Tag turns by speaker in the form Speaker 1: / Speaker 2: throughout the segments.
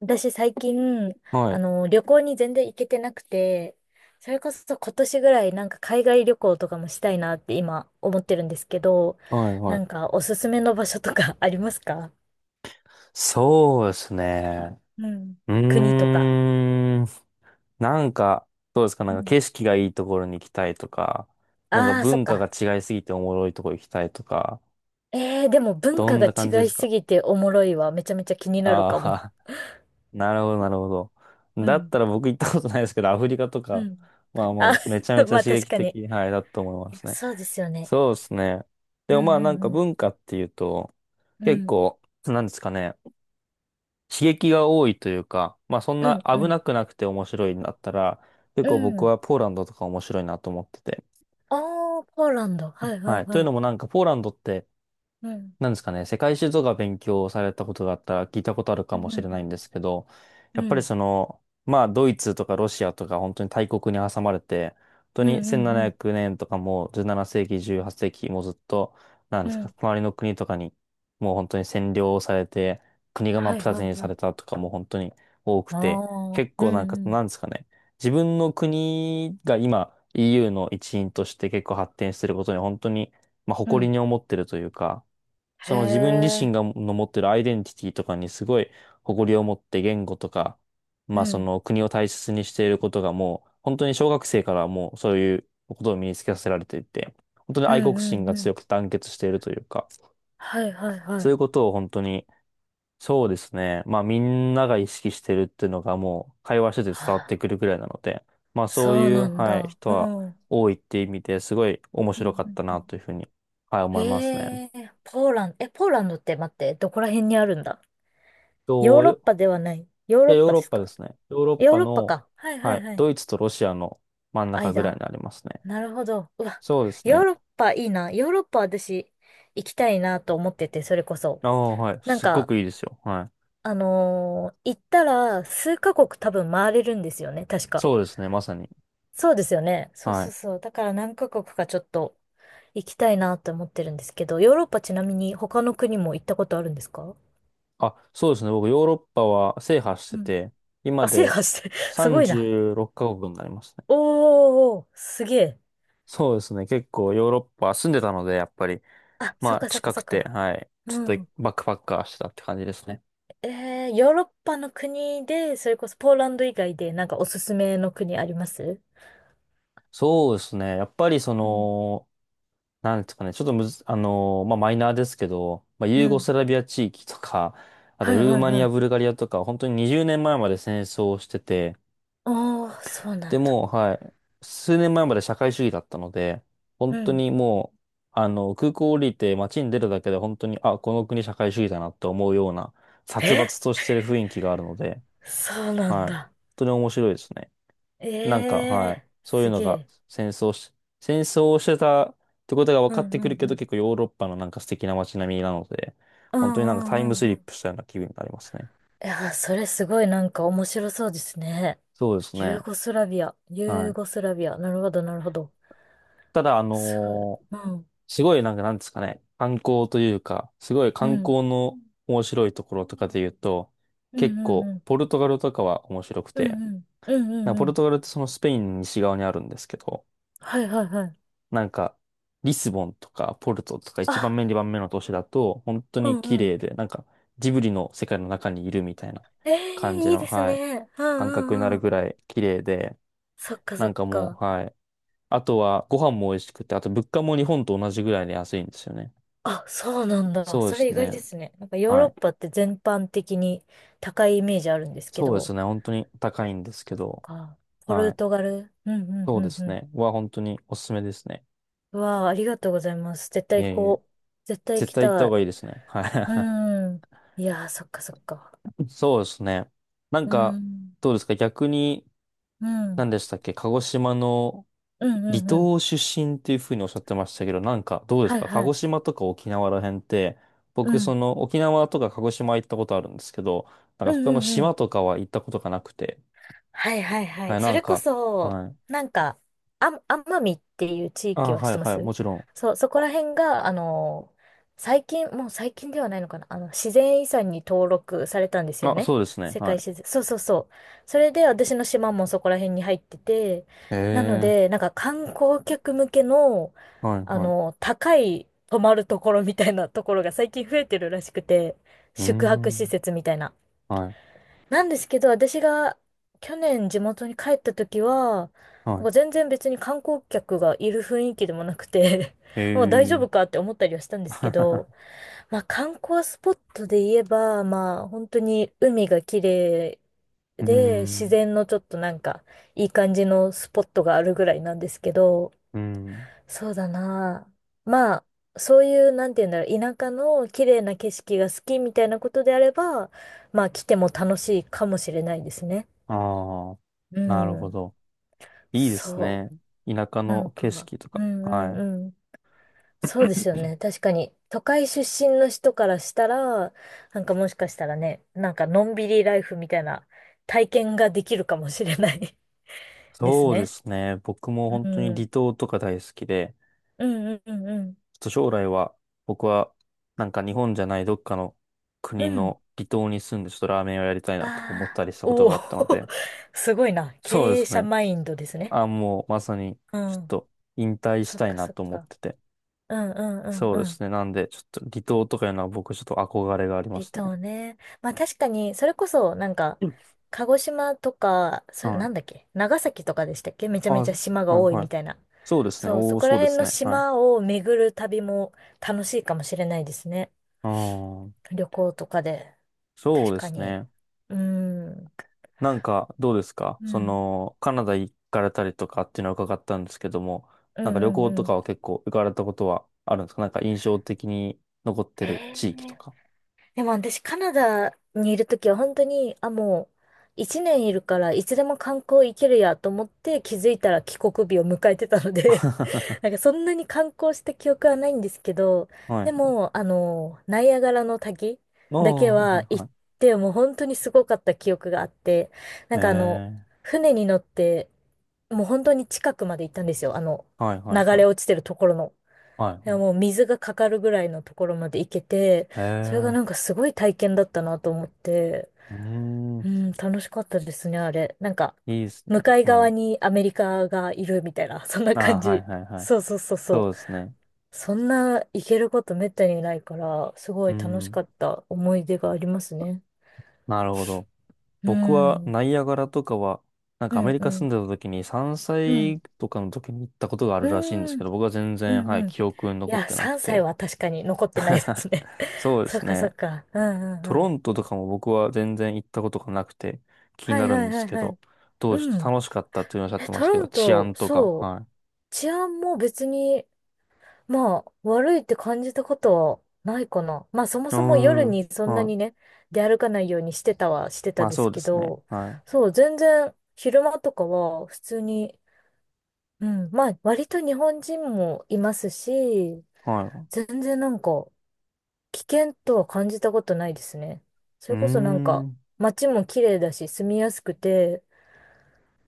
Speaker 1: 私最近、
Speaker 2: はい、
Speaker 1: 旅行に全然行けてなくて、それこそ今年ぐらいなんか海外旅行とかもしたいなって今思ってるんですけど、
Speaker 2: はい、は
Speaker 1: な
Speaker 2: い。
Speaker 1: んかおすすめの場所とか ありますか？
Speaker 2: そうですね。
Speaker 1: うん。
Speaker 2: う
Speaker 1: 国とか。
Speaker 2: ーん。なんか、どうですか？な
Speaker 1: う
Speaker 2: んか
Speaker 1: ん。
Speaker 2: 景色がいいところに行きたいとか、なんか
Speaker 1: ああ、そっ
Speaker 2: 文化が
Speaker 1: か。
Speaker 2: 違いすぎておもろいところ行きたいとか、
Speaker 1: えー、でも文
Speaker 2: ど
Speaker 1: 化
Speaker 2: ん
Speaker 1: が
Speaker 2: な感じで
Speaker 1: 違い
Speaker 2: す
Speaker 1: す
Speaker 2: か？
Speaker 1: ぎておもろいわ。めちゃめちゃ気になる
Speaker 2: あ
Speaker 1: かも。
Speaker 2: あー、なるほど、なるほど。
Speaker 1: う
Speaker 2: だっ
Speaker 1: ん。
Speaker 2: たら僕行ったことないですけど、アフリカと
Speaker 1: う
Speaker 2: か、
Speaker 1: ん。
Speaker 2: まあ
Speaker 1: あ、
Speaker 2: もうめちゃめ ち
Speaker 1: ま
Speaker 2: ゃ
Speaker 1: あ
Speaker 2: 刺
Speaker 1: 確
Speaker 2: 激
Speaker 1: かに。
Speaker 2: 的、はい、だと思いま
Speaker 1: いや
Speaker 2: すね。
Speaker 1: そうですよね。
Speaker 2: そうですね。で
Speaker 1: う
Speaker 2: もまあなん
Speaker 1: ん
Speaker 2: か
Speaker 1: うん
Speaker 2: 文化っていうと、
Speaker 1: う
Speaker 2: 結
Speaker 1: ん。うん。
Speaker 2: 構、なんですかね。刺激が多いというか、まあそん
Speaker 1: う
Speaker 2: な
Speaker 1: んう
Speaker 2: 危
Speaker 1: ん。
Speaker 2: なくなくて面白いんだったら、結
Speaker 1: う
Speaker 2: 構僕
Speaker 1: ん。
Speaker 2: はポーランドとか面白いなと思ってて。
Speaker 1: ああ、ポーランド。はいは
Speaker 2: は
Speaker 1: い
Speaker 2: い。とい
Speaker 1: は
Speaker 2: う
Speaker 1: い。
Speaker 2: のもなんかポーランドって
Speaker 1: うん
Speaker 2: なんですかね、世界史とか勉強されたことがあったら聞いたことある
Speaker 1: う
Speaker 2: かも
Speaker 1: んう
Speaker 2: しれないん
Speaker 1: ん
Speaker 2: ですけど、
Speaker 1: う
Speaker 2: やっぱり
Speaker 1: ん。
Speaker 2: その、まあドイツとかロシアとか本当に大国に挟まれて、本当
Speaker 1: うん
Speaker 2: に
Speaker 1: うんうんう
Speaker 2: 1700
Speaker 1: ん。
Speaker 2: 年とかもう17世紀、18世紀もうずっと、なん
Speaker 1: う
Speaker 2: ですか、
Speaker 1: ん。
Speaker 2: 隣の国とかにもう本当に占領されて、国が真
Speaker 1: は
Speaker 2: っ
Speaker 1: い
Speaker 2: 二つ
Speaker 1: は
Speaker 2: に
Speaker 1: いは
Speaker 2: さ
Speaker 1: い。
Speaker 2: れたとかも本当に多く
Speaker 1: あ
Speaker 2: て、
Speaker 1: あ、
Speaker 2: 結
Speaker 1: う
Speaker 2: 構
Speaker 1: ん
Speaker 2: なん
Speaker 1: う
Speaker 2: か、な
Speaker 1: ん
Speaker 2: んですかね、自分の国が今 EU の一員として結構発展してることに本当に、まあ、
Speaker 1: う
Speaker 2: 誇り
Speaker 1: ん。
Speaker 2: に思ってるというか、そ
Speaker 1: へ
Speaker 2: の自分自身
Speaker 1: え、
Speaker 2: がの持ってるアイデンティティとかにすごい誇りを持って言語とか、
Speaker 1: う
Speaker 2: まあそ
Speaker 1: ん。
Speaker 2: の国を大切にしていることがもう本当に小学生からもうそういうことを身につけさせられていて、本当に
Speaker 1: う
Speaker 2: 愛
Speaker 1: ん
Speaker 2: 国心
Speaker 1: うん
Speaker 2: が
Speaker 1: うん。
Speaker 2: 強くて団結しているというか、
Speaker 1: はいはいは
Speaker 2: そうい
Speaker 1: い。
Speaker 2: うことを本当に、そうですね。まあみんなが意識してるっていうのがもう会話してて
Speaker 1: あ
Speaker 2: 伝わってく
Speaker 1: ー、
Speaker 2: るぐらいなので、まあそう
Speaker 1: そう
Speaker 2: いう、
Speaker 1: なん
Speaker 2: はい、
Speaker 1: だ。
Speaker 2: 人
Speaker 1: う
Speaker 2: は
Speaker 1: ん。うん
Speaker 2: 多いって意味ですごい面
Speaker 1: う
Speaker 2: 白かっ
Speaker 1: ん
Speaker 2: た
Speaker 1: う
Speaker 2: な
Speaker 1: ん。
Speaker 2: というふうに、はい、思
Speaker 1: へ
Speaker 2: いますね。
Speaker 1: え、ポーランド、え、ポーランドって待って、どこら辺にあるんだ？ヨーロッ
Speaker 2: と
Speaker 1: パではない。ヨー
Speaker 2: い
Speaker 1: ロ
Speaker 2: や、
Speaker 1: ッ
Speaker 2: ヨー
Speaker 1: パ
Speaker 2: ロ
Speaker 1: で
Speaker 2: ッ
Speaker 1: す
Speaker 2: パで
Speaker 1: か？
Speaker 2: すね。ヨーロッ
Speaker 1: ヨー
Speaker 2: パ
Speaker 1: ロッパ
Speaker 2: の、
Speaker 1: か。はいは
Speaker 2: は
Speaker 1: い
Speaker 2: い、
Speaker 1: はい。
Speaker 2: ドイツとロシアの真ん中ぐらいに
Speaker 1: 間。
Speaker 2: なりますね。
Speaker 1: なるほど。うわ、
Speaker 2: そうです
Speaker 1: ヨー
Speaker 2: ね。
Speaker 1: ロッパいいな。ヨーロッパ私行きたいなと思ってて、それこそ。
Speaker 2: ああ、はい。
Speaker 1: なん
Speaker 2: すっご
Speaker 1: か、
Speaker 2: くいいですよ。はい。
Speaker 1: 行ったら数カ国多分回れるんですよね、確か。
Speaker 2: そうですね。まさに。
Speaker 1: そうですよね。そう
Speaker 2: は
Speaker 1: そう
Speaker 2: い。
Speaker 1: そう。だから何カ国かちょっと行きたいなと思ってるんですけど、ヨーロッパちなみに他の国も行ったことあるんですか？
Speaker 2: あ、そうですね。僕、ヨーロッパは制覇して
Speaker 1: うん。
Speaker 2: て、今
Speaker 1: あ、制
Speaker 2: で
Speaker 1: 覇して、すごいな。
Speaker 2: 36カ国になりますね。
Speaker 1: おー、すげえ。
Speaker 2: そうですね。結構ヨーロッパ住んでたので、やっぱり、
Speaker 1: あ、そっ
Speaker 2: まあ、
Speaker 1: かそっか
Speaker 2: 近
Speaker 1: そ
Speaker 2: く
Speaker 1: っ
Speaker 2: て、
Speaker 1: か。
Speaker 2: はい。ちょっ
Speaker 1: う
Speaker 2: と
Speaker 1: ん。
Speaker 2: バックパッカーしてたって感じですね。
Speaker 1: ヨーロッパの国で、それこそポーランド以外でなんかおすすめの国あります？
Speaker 2: そうですね。やっぱりそ
Speaker 1: うん。
Speaker 2: の、なんですかね、ちょっとむず、あのーまあ、マイナーですけど、まあ、
Speaker 1: う
Speaker 2: ユーゴ
Speaker 1: ん。
Speaker 2: スラビア地域とか、あ
Speaker 1: は
Speaker 2: と
Speaker 1: い
Speaker 2: ルー
Speaker 1: はい
Speaker 2: マニ
Speaker 1: は
Speaker 2: ア、
Speaker 1: い。
Speaker 2: ブルガリアとか、本当に20年前まで戦争をしてて、
Speaker 1: ああ、そうな
Speaker 2: で
Speaker 1: んだ。
Speaker 2: もう、はい、数年前まで社会主義だったので、
Speaker 1: う
Speaker 2: 本当
Speaker 1: ん。
Speaker 2: にもう、空港降りて街に出るだけで本当に、あ、この国社会主義だなって思うような、殺
Speaker 1: え、
Speaker 2: 伐としてる雰囲気があるので、
Speaker 1: そうなん
Speaker 2: はい、本
Speaker 1: だ。
Speaker 2: 当に面白いですね。
Speaker 1: え
Speaker 2: なんか、は
Speaker 1: え、
Speaker 2: い。そういう
Speaker 1: す
Speaker 2: の
Speaker 1: げ
Speaker 2: が
Speaker 1: え。
Speaker 2: 戦争し、戦争をしてたってことが分
Speaker 1: うん
Speaker 2: かって
Speaker 1: う
Speaker 2: く
Speaker 1: ん
Speaker 2: る
Speaker 1: う
Speaker 2: けど、
Speaker 1: ん。
Speaker 2: 結構ヨーロッパのなんか素敵な街並みなので、
Speaker 1: う
Speaker 2: 本当になんか
Speaker 1: ん
Speaker 2: タ
Speaker 1: う
Speaker 2: イ
Speaker 1: ん
Speaker 2: ムス
Speaker 1: うんう
Speaker 2: リッ
Speaker 1: ん。
Speaker 2: プしたような気分になりますね。
Speaker 1: いやー、それすごいなんか面白そうですね。
Speaker 2: そうです
Speaker 1: ユー
Speaker 2: ね。
Speaker 1: ゴスラビア、
Speaker 2: は
Speaker 1: ユー
Speaker 2: い。
Speaker 1: ゴスラビア。なるほど、なるほど。
Speaker 2: ただ、
Speaker 1: すごい。うん。
Speaker 2: すごいなんかなんですかね、観光というか、すごい
Speaker 1: う
Speaker 2: 観
Speaker 1: ん。
Speaker 2: 光の面白いところとかで言うと、
Speaker 1: うん
Speaker 2: 結
Speaker 1: うん
Speaker 2: 構、
Speaker 1: うん。
Speaker 2: ポルトガルとかは面白く
Speaker 1: う
Speaker 2: て、
Speaker 1: んうん。うんう
Speaker 2: なん
Speaker 1: ん
Speaker 2: かポ
Speaker 1: う
Speaker 2: ル
Speaker 1: ん。
Speaker 2: トガルってそのスペインの西側にあるんですけど、
Speaker 1: はいはいはい。
Speaker 2: なんか、リスボンとかポルトとか一番
Speaker 1: あ、
Speaker 2: 目、二番目の都市だと、本当
Speaker 1: う
Speaker 2: に
Speaker 1: ん
Speaker 2: 綺
Speaker 1: うん。
Speaker 2: 麗で、なんか、ジブリの世界の中にいるみたいな
Speaker 1: え
Speaker 2: 感じ
Speaker 1: え、いい
Speaker 2: の、
Speaker 1: です
Speaker 2: はい、
Speaker 1: ね。うん
Speaker 2: 感覚
Speaker 1: う
Speaker 2: にな
Speaker 1: んう
Speaker 2: る
Speaker 1: ん。
Speaker 2: ぐらい綺麗で、
Speaker 1: そっかそ
Speaker 2: なん
Speaker 1: っ
Speaker 2: かも
Speaker 1: か。
Speaker 2: う、はい。あとは、ご飯も美味しくて、あと物価も日本と同じぐらいで安いんですよね。
Speaker 1: あ、そうなんだ。
Speaker 2: そうで
Speaker 1: それ
Speaker 2: す
Speaker 1: 意外
Speaker 2: ね。
Speaker 1: ですね。なんかヨー
Speaker 2: は
Speaker 1: ロッ
Speaker 2: い。
Speaker 1: パって全般的に高いイメージあるんですけ
Speaker 2: そうで
Speaker 1: ど、
Speaker 2: すね。本当に高いんですけど、
Speaker 1: か。ポ
Speaker 2: は
Speaker 1: ル
Speaker 2: い。
Speaker 1: トガル。うんう
Speaker 2: そ
Speaker 1: ん
Speaker 2: うで
Speaker 1: うん
Speaker 2: す
Speaker 1: うん。
Speaker 2: ね。本当におすすめですね。
Speaker 1: うわあ、ありがとうございます。絶
Speaker 2: い
Speaker 1: 対行
Speaker 2: えいえ。
Speaker 1: こう。絶対行
Speaker 2: 絶
Speaker 1: き
Speaker 2: 対行った
Speaker 1: た
Speaker 2: 方
Speaker 1: い。
Speaker 2: がいいですね。
Speaker 1: う
Speaker 2: は
Speaker 1: ん。いやー、そっかそっか。
Speaker 2: い。そうですね。なん
Speaker 1: う
Speaker 2: か、
Speaker 1: ん。
Speaker 2: どうですか逆に、
Speaker 1: うん。
Speaker 2: 何でしたっけ、鹿児島の
Speaker 1: うん
Speaker 2: 離
Speaker 1: うんうん。
Speaker 2: 島出身っていうふうにおっしゃってましたけど、なんかどうです
Speaker 1: はい
Speaker 2: か？鹿
Speaker 1: は
Speaker 2: 児
Speaker 1: い。
Speaker 2: 島とか沖縄ら辺って、
Speaker 1: う
Speaker 2: 僕そ
Speaker 1: ん。
Speaker 2: の沖縄とか鹿児島行ったことあるんですけど、なん
Speaker 1: う
Speaker 2: かそ
Speaker 1: ん
Speaker 2: この
Speaker 1: うんう
Speaker 2: 島
Speaker 1: ん。
Speaker 2: とかは行ったことがなくて、
Speaker 1: はいはいは
Speaker 2: は
Speaker 1: い。
Speaker 2: い、な
Speaker 1: そ
Speaker 2: ん
Speaker 1: れこ
Speaker 2: か、
Speaker 1: そ、
Speaker 2: はい。
Speaker 1: なんか、あ、奄美っていう地域
Speaker 2: あ、
Speaker 1: は知
Speaker 2: は
Speaker 1: っ
Speaker 2: い、
Speaker 1: てま
Speaker 2: はい、も
Speaker 1: す？
Speaker 2: ちろ
Speaker 1: そう、そこら辺が、最近、もう最近ではないのかな、自然遺産に登録されたんです
Speaker 2: ん。
Speaker 1: よ
Speaker 2: あ、
Speaker 1: ね。
Speaker 2: そうですね、
Speaker 1: 世界
Speaker 2: は
Speaker 1: 自然。そうそうそう。それで私の島もそこら辺に入ってて、
Speaker 2: い。へ
Speaker 1: なの
Speaker 2: え、
Speaker 1: で、なんか観光客向けの、
Speaker 2: はい、はい。
Speaker 1: 高い泊まるところみたいなところが最近増えてるらしくて、
Speaker 2: うー
Speaker 1: 宿泊施
Speaker 2: ん、
Speaker 1: 設みたいな。
Speaker 2: はい、
Speaker 1: なんですけど、私が去年地元に帰った時は、
Speaker 2: は
Speaker 1: なん
Speaker 2: い。
Speaker 1: か全然別に観光客がいる雰囲気でもなくて
Speaker 2: へ
Speaker 1: まあ大丈
Speaker 2: え、
Speaker 1: 夫かって思ったりはしたんですけど、まあ観光スポットで言えば、まあ本当に海が綺麗
Speaker 2: うー
Speaker 1: で、自
Speaker 2: ん、
Speaker 1: 然のちょっとなんかいい感じのスポットがあるぐらいなんですけど、
Speaker 2: うん。
Speaker 1: そうだな。まあ、そういう、なんて言うんだろう、田舎の綺麗な景色が好きみたいなことであれば、まあ、来ても楽しいかもしれないですね。
Speaker 2: ああ、
Speaker 1: う
Speaker 2: なるほ
Speaker 1: ん。
Speaker 2: ど。いいです
Speaker 1: そ
Speaker 2: ね。田舎
Speaker 1: う。なん
Speaker 2: の景
Speaker 1: か、
Speaker 2: 色と
Speaker 1: う
Speaker 2: か。
Speaker 1: んう
Speaker 2: はい。
Speaker 1: んうん。そうですよね。確かに、都会出身の人からしたら、なんかもしかしたらね、なんかのんびりライフみたいな体験ができるかもしれない です
Speaker 2: そうで
Speaker 1: ね。
Speaker 2: すね。僕も
Speaker 1: う
Speaker 2: 本当に
Speaker 1: ん。
Speaker 2: 離島とか大好きで、
Speaker 1: うんうんうんうん。
Speaker 2: ちょっと将来は僕はなんか日本じゃないどっかの
Speaker 1: う
Speaker 2: 国
Speaker 1: ん。
Speaker 2: の離島に住んでちょっとラーメンをやりたいなとか思っ
Speaker 1: あ
Speaker 2: た
Speaker 1: あ、
Speaker 2: りしたこと
Speaker 1: おお、
Speaker 2: があったので、
Speaker 1: すごいな。
Speaker 2: そうで
Speaker 1: 経営
Speaker 2: す
Speaker 1: 者
Speaker 2: ね。
Speaker 1: マインドですね。
Speaker 2: あ、もうまさに
Speaker 1: う
Speaker 2: ちょっ
Speaker 1: ん。
Speaker 2: と引退し
Speaker 1: そっ
Speaker 2: たい
Speaker 1: か
Speaker 2: な
Speaker 1: そっ
Speaker 2: と思っ
Speaker 1: か。
Speaker 2: てて。
Speaker 1: うんうん
Speaker 2: そ
Speaker 1: う
Speaker 2: う
Speaker 1: ん
Speaker 2: で
Speaker 1: うん。
Speaker 2: すね。なんでちょっと離島とかいうのは僕ちょっと憧れがありま
Speaker 1: 離
Speaker 2: すね。
Speaker 1: 島ね。まあ確かに、それこそなんか、
Speaker 2: うん。
Speaker 1: 鹿児島とか、それ
Speaker 2: は
Speaker 1: なん
Speaker 2: い。
Speaker 1: だっけ長崎とかでしたっけ、めちゃ
Speaker 2: あ、
Speaker 1: め
Speaker 2: は
Speaker 1: ち
Speaker 2: い
Speaker 1: ゃ島が多い
Speaker 2: は
Speaker 1: み
Speaker 2: い。
Speaker 1: たいな。
Speaker 2: そうですね。
Speaker 1: そう、
Speaker 2: お
Speaker 1: そ
Speaker 2: ー、
Speaker 1: こ
Speaker 2: そ
Speaker 1: ら
Speaker 2: うで
Speaker 1: 辺
Speaker 2: す
Speaker 1: の
Speaker 2: ね。はい。
Speaker 1: 島を巡る旅も楽しいかもしれないですね。
Speaker 2: うーん。
Speaker 1: 旅行とかで。
Speaker 2: そう
Speaker 1: 確
Speaker 2: で
Speaker 1: か
Speaker 2: す
Speaker 1: に。
Speaker 2: ね。
Speaker 1: うーん。
Speaker 2: なんか、どうですか
Speaker 1: う
Speaker 2: そ
Speaker 1: ん。
Speaker 2: の、カナダ行かれたりとかっていうのは伺ったんですけども、
Speaker 1: う
Speaker 2: なん
Speaker 1: ん
Speaker 2: か旅
Speaker 1: うん
Speaker 2: 行
Speaker 1: う
Speaker 2: とか
Speaker 1: ん。
Speaker 2: は結構行かれたことはあるんですか？なんか印象的に残って
Speaker 1: へ
Speaker 2: る
Speaker 1: え。
Speaker 2: 地域とか。
Speaker 1: でも私、カナダにいるときは本当に、あ、もう、一年いるから、いつでも観光行けるやと思って気づいたら帰国日を迎えてたので なんかそんなに観光した記憶はないんですけど、
Speaker 2: は
Speaker 1: で
Speaker 2: い。
Speaker 1: も、ナイアガラの滝だけ
Speaker 2: おー、はい
Speaker 1: は行っ
Speaker 2: は
Speaker 1: て、もう本当にすごかった記憶があって、な
Speaker 2: い。
Speaker 1: んか
Speaker 2: え
Speaker 1: 船に乗って、もう本当に近くまで行ったんですよ。
Speaker 2: ー、はいはい
Speaker 1: 流
Speaker 2: は
Speaker 1: れ
Speaker 2: い。
Speaker 1: 落ちてるところの。
Speaker 2: はい
Speaker 1: で
Speaker 2: は
Speaker 1: ももう
Speaker 2: い。
Speaker 1: 水がかかるぐらいのところまで行けて、
Speaker 2: え
Speaker 1: それが
Speaker 2: ー、
Speaker 1: なんかすごい体験だったなと思って、
Speaker 2: うー
Speaker 1: う
Speaker 2: ん、
Speaker 1: ん、楽しかったですね、あれ。なんか、
Speaker 2: いいです
Speaker 1: 向
Speaker 2: ね。
Speaker 1: かい
Speaker 2: うん。
Speaker 1: 側
Speaker 2: あ
Speaker 1: にアメリカがいるみたいな、そんな
Speaker 2: ー、
Speaker 1: 感
Speaker 2: はい
Speaker 1: じ。
Speaker 2: はいはい。
Speaker 1: そうそうそうそう。
Speaker 2: そうですね。
Speaker 1: そんな行けることめったにないから、すご
Speaker 2: う
Speaker 1: い楽し
Speaker 2: ん、
Speaker 1: かった思い出がありますね。
Speaker 2: なるほど。
Speaker 1: う
Speaker 2: 僕は
Speaker 1: ん。
Speaker 2: ナイアガラとかは、なん
Speaker 1: う
Speaker 2: かアメ
Speaker 1: ん、
Speaker 2: リ
Speaker 1: う
Speaker 2: カ住
Speaker 1: ん、
Speaker 2: んでた時に3
Speaker 1: うん、
Speaker 2: 歳とかの時に行ったことがあ
Speaker 1: う
Speaker 2: るらしいんですけ
Speaker 1: ん、
Speaker 2: ど、僕は全
Speaker 1: う
Speaker 2: 然、は
Speaker 1: ん、
Speaker 2: い、
Speaker 1: うん。
Speaker 2: 記憶に
Speaker 1: い
Speaker 2: 残っ
Speaker 1: や、
Speaker 2: てなく
Speaker 1: 3歳
Speaker 2: て。
Speaker 1: は確かに残ってないで すね。
Speaker 2: そう で
Speaker 1: そ
Speaker 2: す
Speaker 1: っかそっ
Speaker 2: ね。
Speaker 1: か。うん、うん、
Speaker 2: ト
Speaker 1: う
Speaker 2: ロ
Speaker 1: ん。
Speaker 2: ントとかも僕は全然行ったことがなくて気に
Speaker 1: は
Speaker 2: な
Speaker 1: い
Speaker 2: る
Speaker 1: は
Speaker 2: ん
Speaker 1: い
Speaker 2: で
Speaker 1: は
Speaker 2: す
Speaker 1: い
Speaker 2: け
Speaker 1: は
Speaker 2: ど、
Speaker 1: い。
Speaker 2: どうし
Speaker 1: う
Speaker 2: て
Speaker 1: ん。
Speaker 2: 楽しかったっていうのをおっしゃっ
Speaker 1: え、
Speaker 2: てま
Speaker 1: ト
Speaker 2: したけ
Speaker 1: ロ
Speaker 2: ど、
Speaker 1: ン
Speaker 2: 治
Speaker 1: ト、
Speaker 2: 安とか、
Speaker 1: そう。
Speaker 2: はい。
Speaker 1: 治安も別に、まあ、悪いって感じたことはないかな。まあ、そも
Speaker 2: うー
Speaker 1: そも夜
Speaker 2: ん、
Speaker 1: にそんな
Speaker 2: は
Speaker 1: に
Speaker 2: い。
Speaker 1: ね、出歩かないようにしてたはして
Speaker 2: ま
Speaker 1: た
Speaker 2: あ
Speaker 1: で
Speaker 2: そ
Speaker 1: す
Speaker 2: うで
Speaker 1: け
Speaker 2: すね。
Speaker 1: ど、
Speaker 2: はい。
Speaker 1: そう、全然昼間とかは普通に、うん、まあ、割と日本人もいますし、
Speaker 2: は
Speaker 1: 全然なんか、危険とは感じたことないですね。そ
Speaker 2: い。うー
Speaker 1: れこそなんか、
Speaker 2: ん、
Speaker 1: 街も綺麗だし、住みやすくて、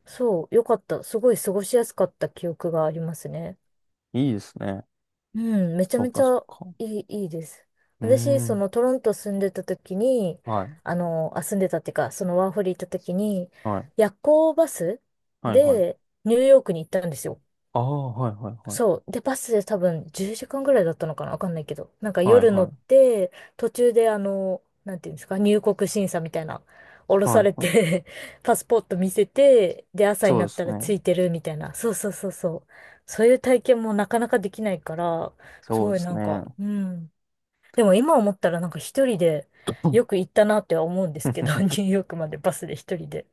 Speaker 1: そう、よかった。すごい過ごしやすかった記憶がありますね。
Speaker 2: いいですね。
Speaker 1: うん、めちゃ
Speaker 2: そっ
Speaker 1: めち
Speaker 2: かそっ
Speaker 1: ゃ
Speaker 2: か。
Speaker 1: いい、いいです。
Speaker 2: うー
Speaker 1: 私、そ
Speaker 2: ん、
Speaker 1: のトロント住んでた時に、
Speaker 2: はい。
Speaker 1: あ、住んでたっていうか、そのワーホリ行った時に、
Speaker 2: はい。
Speaker 1: 夜行バス
Speaker 2: はいはい。
Speaker 1: でニューヨークに行ったんですよ。
Speaker 2: ああ、はいはいはい。
Speaker 1: そう。で、バスで多分10時間ぐらいだったのかなわかんないけど。なんか
Speaker 2: はい
Speaker 1: 夜乗
Speaker 2: は
Speaker 1: っ
Speaker 2: い。
Speaker 1: て、途中でなんていうんですか、入国審査みたいな、降ろ
Speaker 2: は
Speaker 1: さ
Speaker 2: い
Speaker 1: れ
Speaker 2: はい。
Speaker 1: て パスポート見せて、で、朝に
Speaker 2: そう
Speaker 1: な
Speaker 2: で
Speaker 1: った
Speaker 2: す
Speaker 1: ら
Speaker 2: ね。
Speaker 1: ついてるみたいな。そうそうそうそう。そういう体験もなかなかできないから、す
Speaker 2: そうで
Speaker 1: ごい
Speaker 2: す
Speaker 1: なん
Speaker 2: ね。
Speaker 1: か、うん。でも今思ったらなんか一人でよく行ったなっては思うんですけど、ニュー ヨークまでバスで一人で。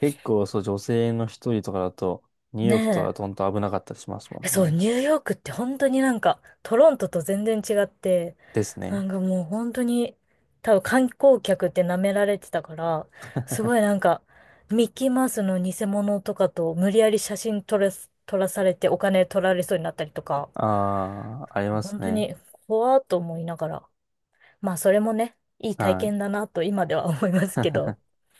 Speaker 2: 結構そう、女性の一人とかだと、ニュー
Speaker 1: ね
Speaker 2: ヨークとかだ
Speaker 1: え。
Speaker 2: と本当危なかったりしますも
Speaker 1: え、
Speaker 2: ん
Speaker 1: そう、
Speaker 2: ね。
Speaker 1: ニューヨークって本当になんか、トロントと全然違って、
Speaker 2: です
Speaker 1: な
Speaker 2: ね。
Speaker 1: んかもう本当に、多分観光客って舐められてたから、すごいなんか、ミッキーマウスの偽物とかと無理やり写真撮らされてお金取られそうになったりとか、
Speaker 2: ああ、あります
Speaker 1: 本当
Speaker 2: ね。
Speaker 1: に怖っと思いながら、まあそれもね、いい体
Speaker 2: はい。
Speaker 1: 験だなと今では思いますけ ど、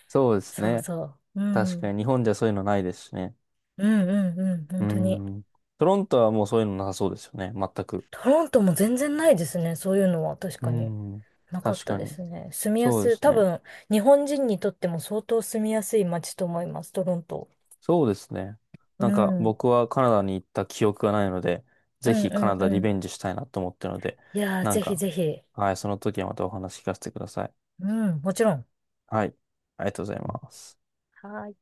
Speaker 2: そうです
Speaker 1: そう
Speaker 2: ね。
Speaker 1: そう、う
Speaker 2: 確
Speaker 1: ん、
Speaker 2: かに日本じゃそういうのないですしね。
Speaker 1: うんうんうん、
Speaker 2: う
Speaker 1: 本当に。
Speaker 2: ん。トロントはもうそういうのなさそうですよね。全く。
Speaker 1: トロントも全然ないですね。そういうのは確
Speaker 2: う
Speaker 1: かに
Speaker 2: ん。
Speaker 1: なかっ
Speaker 2: 確
Speaker 1: た
Speaker 2: か
Speaker 1: で
Speaker 2: に。
Speaker 1: すね。住みや
Speaker 2: そうで
Speaker 1: すい。
Speaker 2: す
Speaker 1: 多
Speaker 2: ね。
Speaker 1: 分、日本人にとっても相当住みやすい街と思います、トロント。
Speaker 2: そうですね。
Speaker 1: う
Speaker 2: なんか
Speaker 1: ん。うん
Speaker 2: 僕はカナダに行った記憶がないので、
Speaker 1: う
Speaker 2: ぜひカ
Speaker 1: ん
Speaker 2: ナダ
Speaker 1: う
Speaker 2: リ
Speaker 1: ん。
Speaker 2: ベンジしたいなと思ってるので、
Speaker 1: いやー、
Speaker 2: なん
Speaker 1: ぜひ
Speaker 2: か、
Speaker 1: ぜひ。
Speaker 2: はい、その時はまたお話聞かせてください。
Speaker 1: うん、もちろん。
Speaker 2: はい、ありがとうございます。
Speaker 1: はーい。